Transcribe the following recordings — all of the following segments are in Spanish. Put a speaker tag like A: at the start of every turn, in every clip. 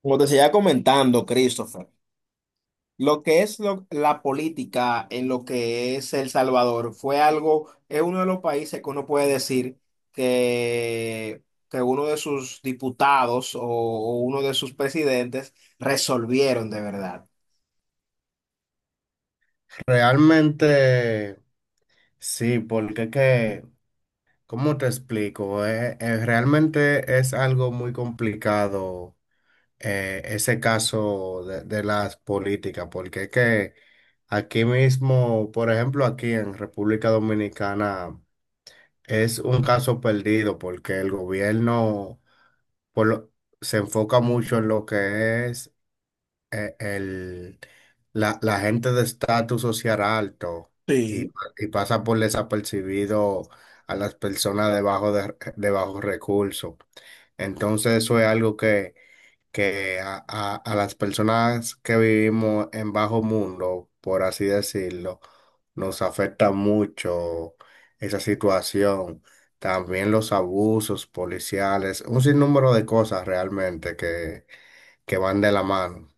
A: Como te seguía comentando, Christopher, lo que es lo- la política en lo que es El Salvador fue algo, es uno de los países que uno puede decir que, que uno de sus diputados o uno de sus presidentes resolvieron de verdad.
B: Realmente sí, porque es que, ¿cómo te explico? Realmente es algo muy complicado ese caso de las políticas, porque es que aquí mismo, por ejemplo, aquí en República Dominicana es un caso perdido porque el gobierno por lo- se enfoca mucho en lo que es eh, el, la gente de estatus social alto
A: Sí.
B: y, y pasa por desapercibido a las personas debajo de bajos recursos. Entonces eso es algo que a las personas que vivimos en bajo mundo, por así decirlo, nos afecta mucho esa situación. También los abusos policiales, un sinnúmero de cosas realmente que van de la mano.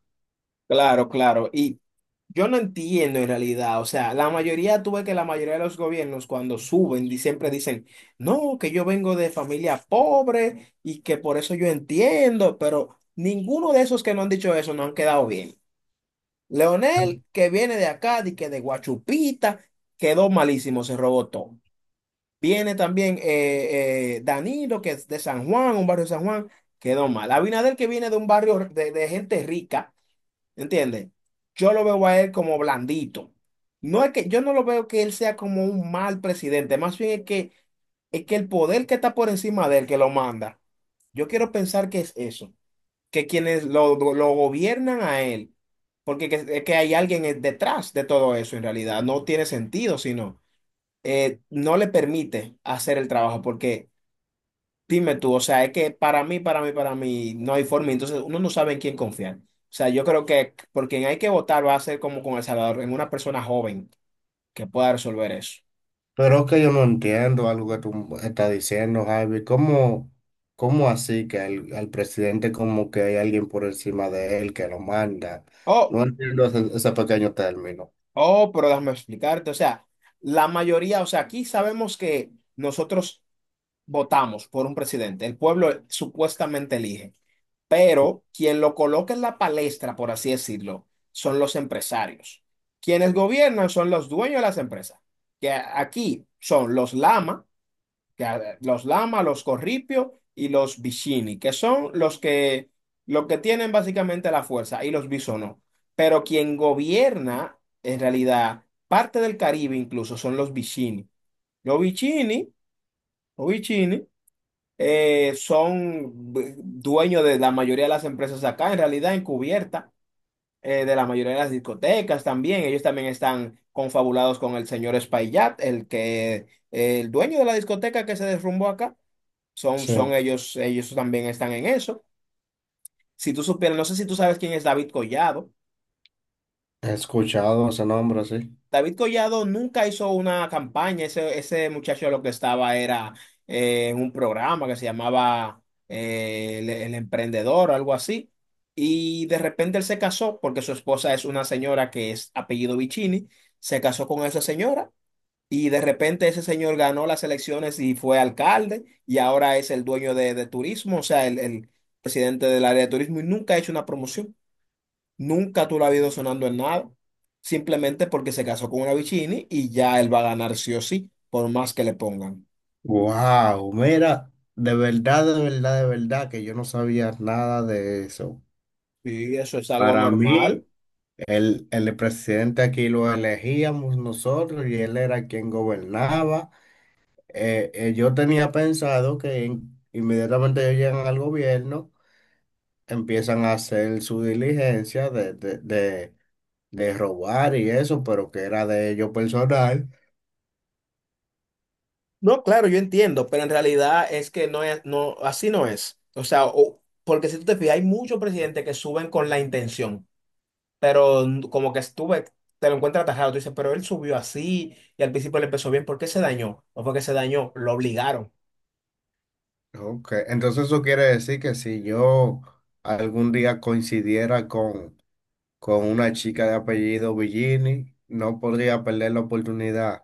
A: Claro, claro. Y. Yo no entiendo en realidad, o sea, tú ves que la mayoría de los gobiernos cuando siempre dicen, no, que yo vengo de familia pobre y que por eso yo entiendo, pero ninguno de esos que no han dicho eso no han quedado bien. Leonel, que viene de acá, di que de Guachupita, quedó malísimo, se robó todo. Viene también Danilo, que es de San Juan, un barrio de San Juan, quedó mal. Abinader, que viene de un barrio de gente rica. ¿Entiendes? Yo lo veo a él como blandito. No es que yo no lo veo que él sea como un mal presidente, más bien es que el poder que está por encima de él que lo manda. Yo quiero pensar que es eso, que quienes lo gobiernan a él, porque es que hay alguien detrás de todo eso en realidad, no tiene sentido, sino no le permite hacer el trabajo, porque dime tú, o sea, es que para mí no hay forma, entonces uno no sabe en quién confiar. O sea, yo creo que por quien hay que votar va a ser como con El Salvador, en una persona joven que pueda resolver eso.
B: Pero es que yo no entiendo algo que tú estás diciendo, Javi. ¿Cómo así que al presidente como que hay alguien por encima de él que lo manda?
A: Oh,
B: No entiendo ese pequeño término.
A: oh, pero déjame explicarte, o sea, o sea, aquí sabemos que nosotros votamos por un presidente, el pueblo supuestamente elige, pero quien lo coloca en la palestra, por así decirlo, son los empresarios. Quienes gobiernan son los dueños de las empresas, que aquí son que los Lama, los Corripio y los Bishini, que son los que tienen básicamente la fuerza, y los Bisonó. Pero quien gobierna, en realidad, parte del Caribe incluso son los Bishini. Los Bishini, los Bishini, dueños de la mayoría de las empresas acá, en realidad encubierta, de la mayoría de las discotecas también. Ellos también están confabulados con el señor Espaillat, el dueño de la discoteca que se derrumbó acá. Son
B: Sí.
A: ellos, ellos también están en eso. Si tú supieras, no sé si tú sabes quién es David Collado.
B: He escuchado ese nombre así.
A: David Collado nunca hizo una campaña. Ese muchacho lo que estaba era en un programa que se llamaba El Emprendedor o algo así. Y de repente él se casó porque su esposa es una señora que es apellido Vicini. Se casó con esa señora. Y de repente ese señor ganó las elecciones y fue alcalde y ahora es el dueño de turismo, o sea, el presidente del área de turismo y nunca ha hecho una promoción. Nunca tú lo has ido sonando en nada. Simplemente porque se casó con una Vicini y ya él va a ganar sí o sí, por más que le pongan.
B: Wow, mira, de verdad, de verdad, de verdad que yo no sabía nada de eso.
A: Sí, eso es algo
B: Para mí,
A: normal.
B: el presidente aquí lo elegíamos nosotros y él era quien gobernaba. Yo tenía pensado que inmediatamente ellos llegan al gobierno, empiezan a hacer su diligencia de robar y eso, pero que era de ellos personal.
A: No, claro, yo entiendo, pero en realidad es que no, así no es. O sea, o- porque si tú te fijas, hay muchos presidentes que suben con la intención. Pero como que estuve, te lo encuentras atajado, tú dices, pero él subió así y al principio le empezó bien, ¿por qué se dañó? No fue que se dañó, lo obligaron.
B: Ok, entonces eso quiere decir que si yo algún día coincidiera con una chica de apellido Villini, no podría perder la oportunidad.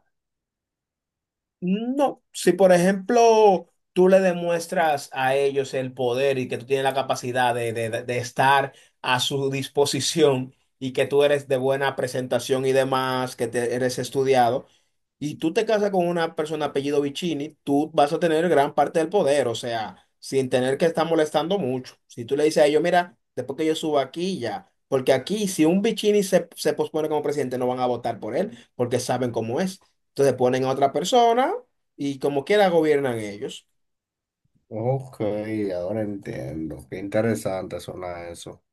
A: No, si por ejemplo tú le demuestras a ellos el poder y que tú tienes la capacidad estar a su disposición y que tú eres de buena presentación y demás, eres estudiado, y tú te casas con una persona apellido Vicini, tú vas a tener gran parte del poder, o sea, sin tener que estar molestando mucho. Si tú le dices a ellos, mira, después que yo suba aquí ya, porque aquí si un Vicini se pospone como presidente no van a votar por él porque saben cómo es. Entonces ponen a otra persona y como quiera gobiernan ellos.
B: Ok, ahora entiendo. Qué interesante suena eso.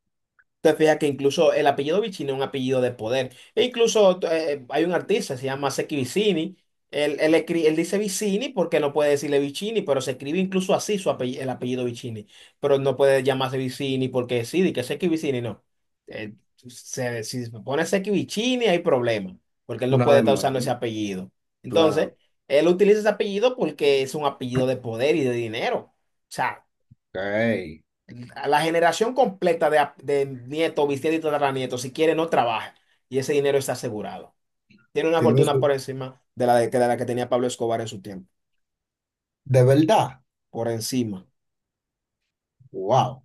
A: Te fijas que incluso el apellido Vicini es un apellido de poder. E incluso hay un artista, se llama Seki Vicini. Él dice Vicini porque no puede decirle Vicini, pero se escribe incluso así el apellido Vicini. Pero no puede llamarse Vicini porque sí, di que Seki Vicini no. Si se pone Seki Vicini hay problema porque él no
B: Una
A: puede estar
B: demanda,
A: usando ese
B: ¿no?
A: apellido.
B: Claro.
A: Entonces, él utiliza ese apellido porque es un apellido de poder y de dinero. O sea,
B: Ok.
A: la generación completa de nieto, bisnieto y tataranieto, si quiere, no trabaja. Y ese dinero está asegurado. Tiene una
B: Tiene
A: fortuna por
B: su,
A: encima de de la que tenía Pablo Escobar en su tiempo.
B: de verdad.
A: Por encima.
B: Wow.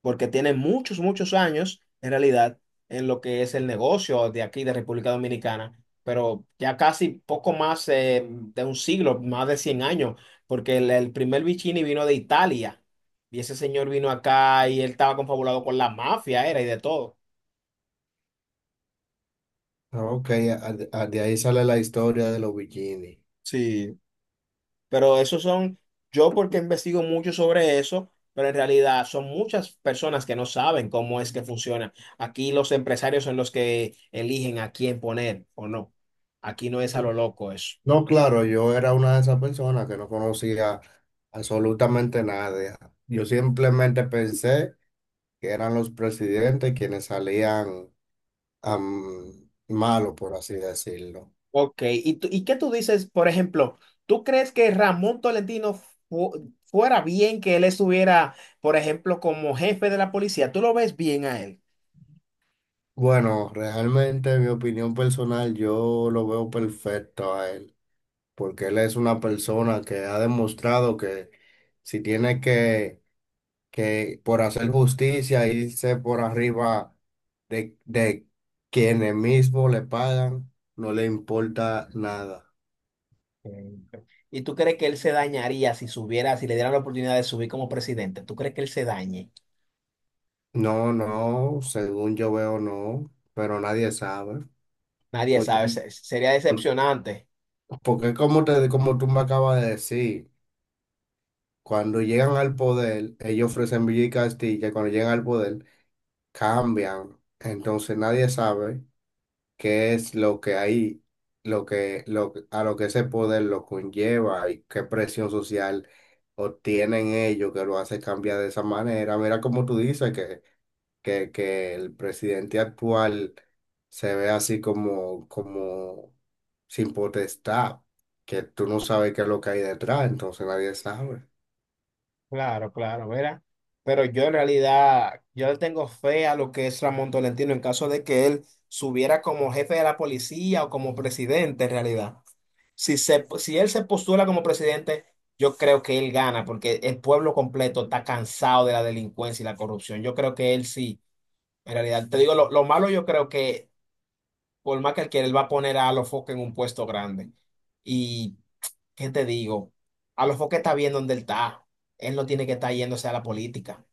A: Porque tiene muchos años, en realidad, en lo que es el negocio de aquí, de República Dominicana. Pero ya casi poco más de un siglo, más de 100 años. Porque el primer Vicini vino de Italia. Y ese señor vino acá y él estaba confabulado con la mafia, era y de todo.
B: Ok, de ahí sale la historia de los bikinis.
A: Sí. Pero esos son, yo porque investigo mucho sobre eso, pero en realidad son muchas personas que no saben cómo es que funciona. Aquí los empresarios son los que eligen a quién poner o no. Aquí no es a lo loco eso.
B: No, claro, yo era una de esas personas que no conocía absolutamente nada. Yo simplemente pensé que eran los presidentes quienes salían am, malos, por así decirlo.
A: Ok, ¿y, tú- y qué tú dices, por ejemplo, tú crees que Ramón Tolentino fuera bien que él estuviera, por ejemplo, como jefe de la policía? ¿Tú lo ves bien a él?
B: Bueno, realmente, en mi opinión personal, yo lo veo perfecto a él, porque él es una persona que ha demostrado que si tiene que por hacer justicia, irse por arriba de quienes mismos le pagan, no le importa nada.
A: Entiendo. ¿Y tú crees que él se dañaría si subiera, si le dieran la oportunidad de subir como presidente? ¿Tú crees que él se dañe?
B: No, no, según yo veo, no, pero nadie sabe.
A: Nadie
B: Porque,
A: sabe, sería decepcionante.
B: porque como te, como tú me acabas de decir, cuando llegan al poder, ellos ofrecen Villa y Castilla, y cuando llegan al poder, cambian. Entonces nadie sabe qué es lo que hay, lo, que- a lo que ese poder lo conlleva y qué presión social obtienen ellos que lo hace cambiar de esa manera. Mira como tú dices que el presidente actual se ve así como, como sin potestad, que tú no sabes qué es lo que hay detrás, entonces nadie sabe.
A: Claro, claro, verá. Pero yo en realidad, yo le tengo fe a lo que es Ramón Tolentino en caso de que él subiera como jefe de la policía o como presidente en realidad. Si él se postula como presidente, yo creo que él gana porque el pueblo completo está cansado de la delincuencia y la corrupción. Yo creo que él sí, en realidad. Te digo, lo malo yo creo que por más que él quiera, él va a poner a los Focke en un puesto grande. Y ¿qué te digo? A lo mejor que está bien donde él está. Él no tiene que estar yéndose a la política.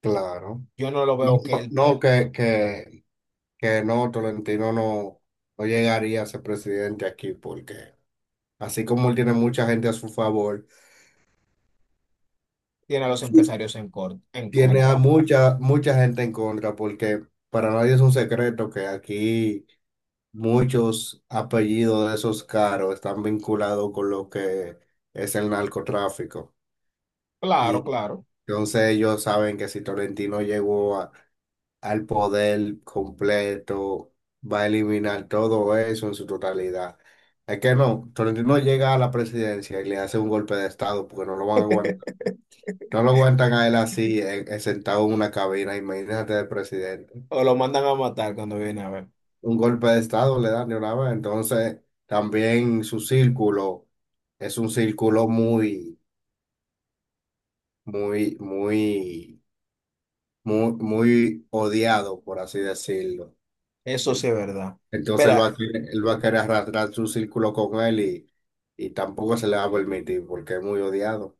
B: Claro.
A: Yo no lo
B: No,
A: veo que
B: no,
A: él
B: no, que no, Tolentino no, no llegaría a ser presidente aquí porque... Así como él tiene mucha gente a su favor,
A: tiene a los
B: sí,
A: empresarios en, en
B: tiene a
A: contra.
B: mucha, mucha gente en contra, porque para nadie es un secreto que aquí muchos apellidos de esos caros están vinculados con lo que es el narcotráfico.
A: Claro,
B: Y
A: claro.
B: entonces ellos saben que si Tolentino al poder completo, va a eliminar todo eso en su totalidad. Es que no, Tolentino llega a la presidencia y le hace un golpe de estado porque no lo van a aguantar. No lo aguantan a él así, sentado en una cabina, imagínate el presidente.
A: O lo mandan a matar cuando viene a ver.
B: Un golpe de estado le dan de una vez. Entonces, también su círculo es un círculo muy, muy, muy, muy, muy odiado, por así decirlo.
A: Eso sí
B: En-
A: es verdad.
B: Entonces, él
A: Mira,
B: va a querer, él va a querer arrastrar su círculo con él y tampoco se le va a permitir porque es muy odiado.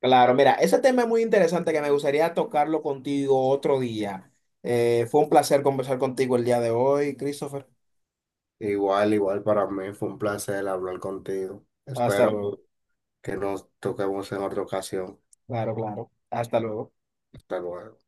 A: claro, mira, ese tema es muy interesante que me gustaría tocarlo contigo otro día. Fue un placer conversar contigo el día de hoy, Christopher.
B: Igual, igual para mí fue un placer hablar contigo.
A: Hasta
B: Espero
A: luego.
B: que nos toquemos en otra ocasión.
A: Claro, claro. Hasta luego.
B: Hasta luego.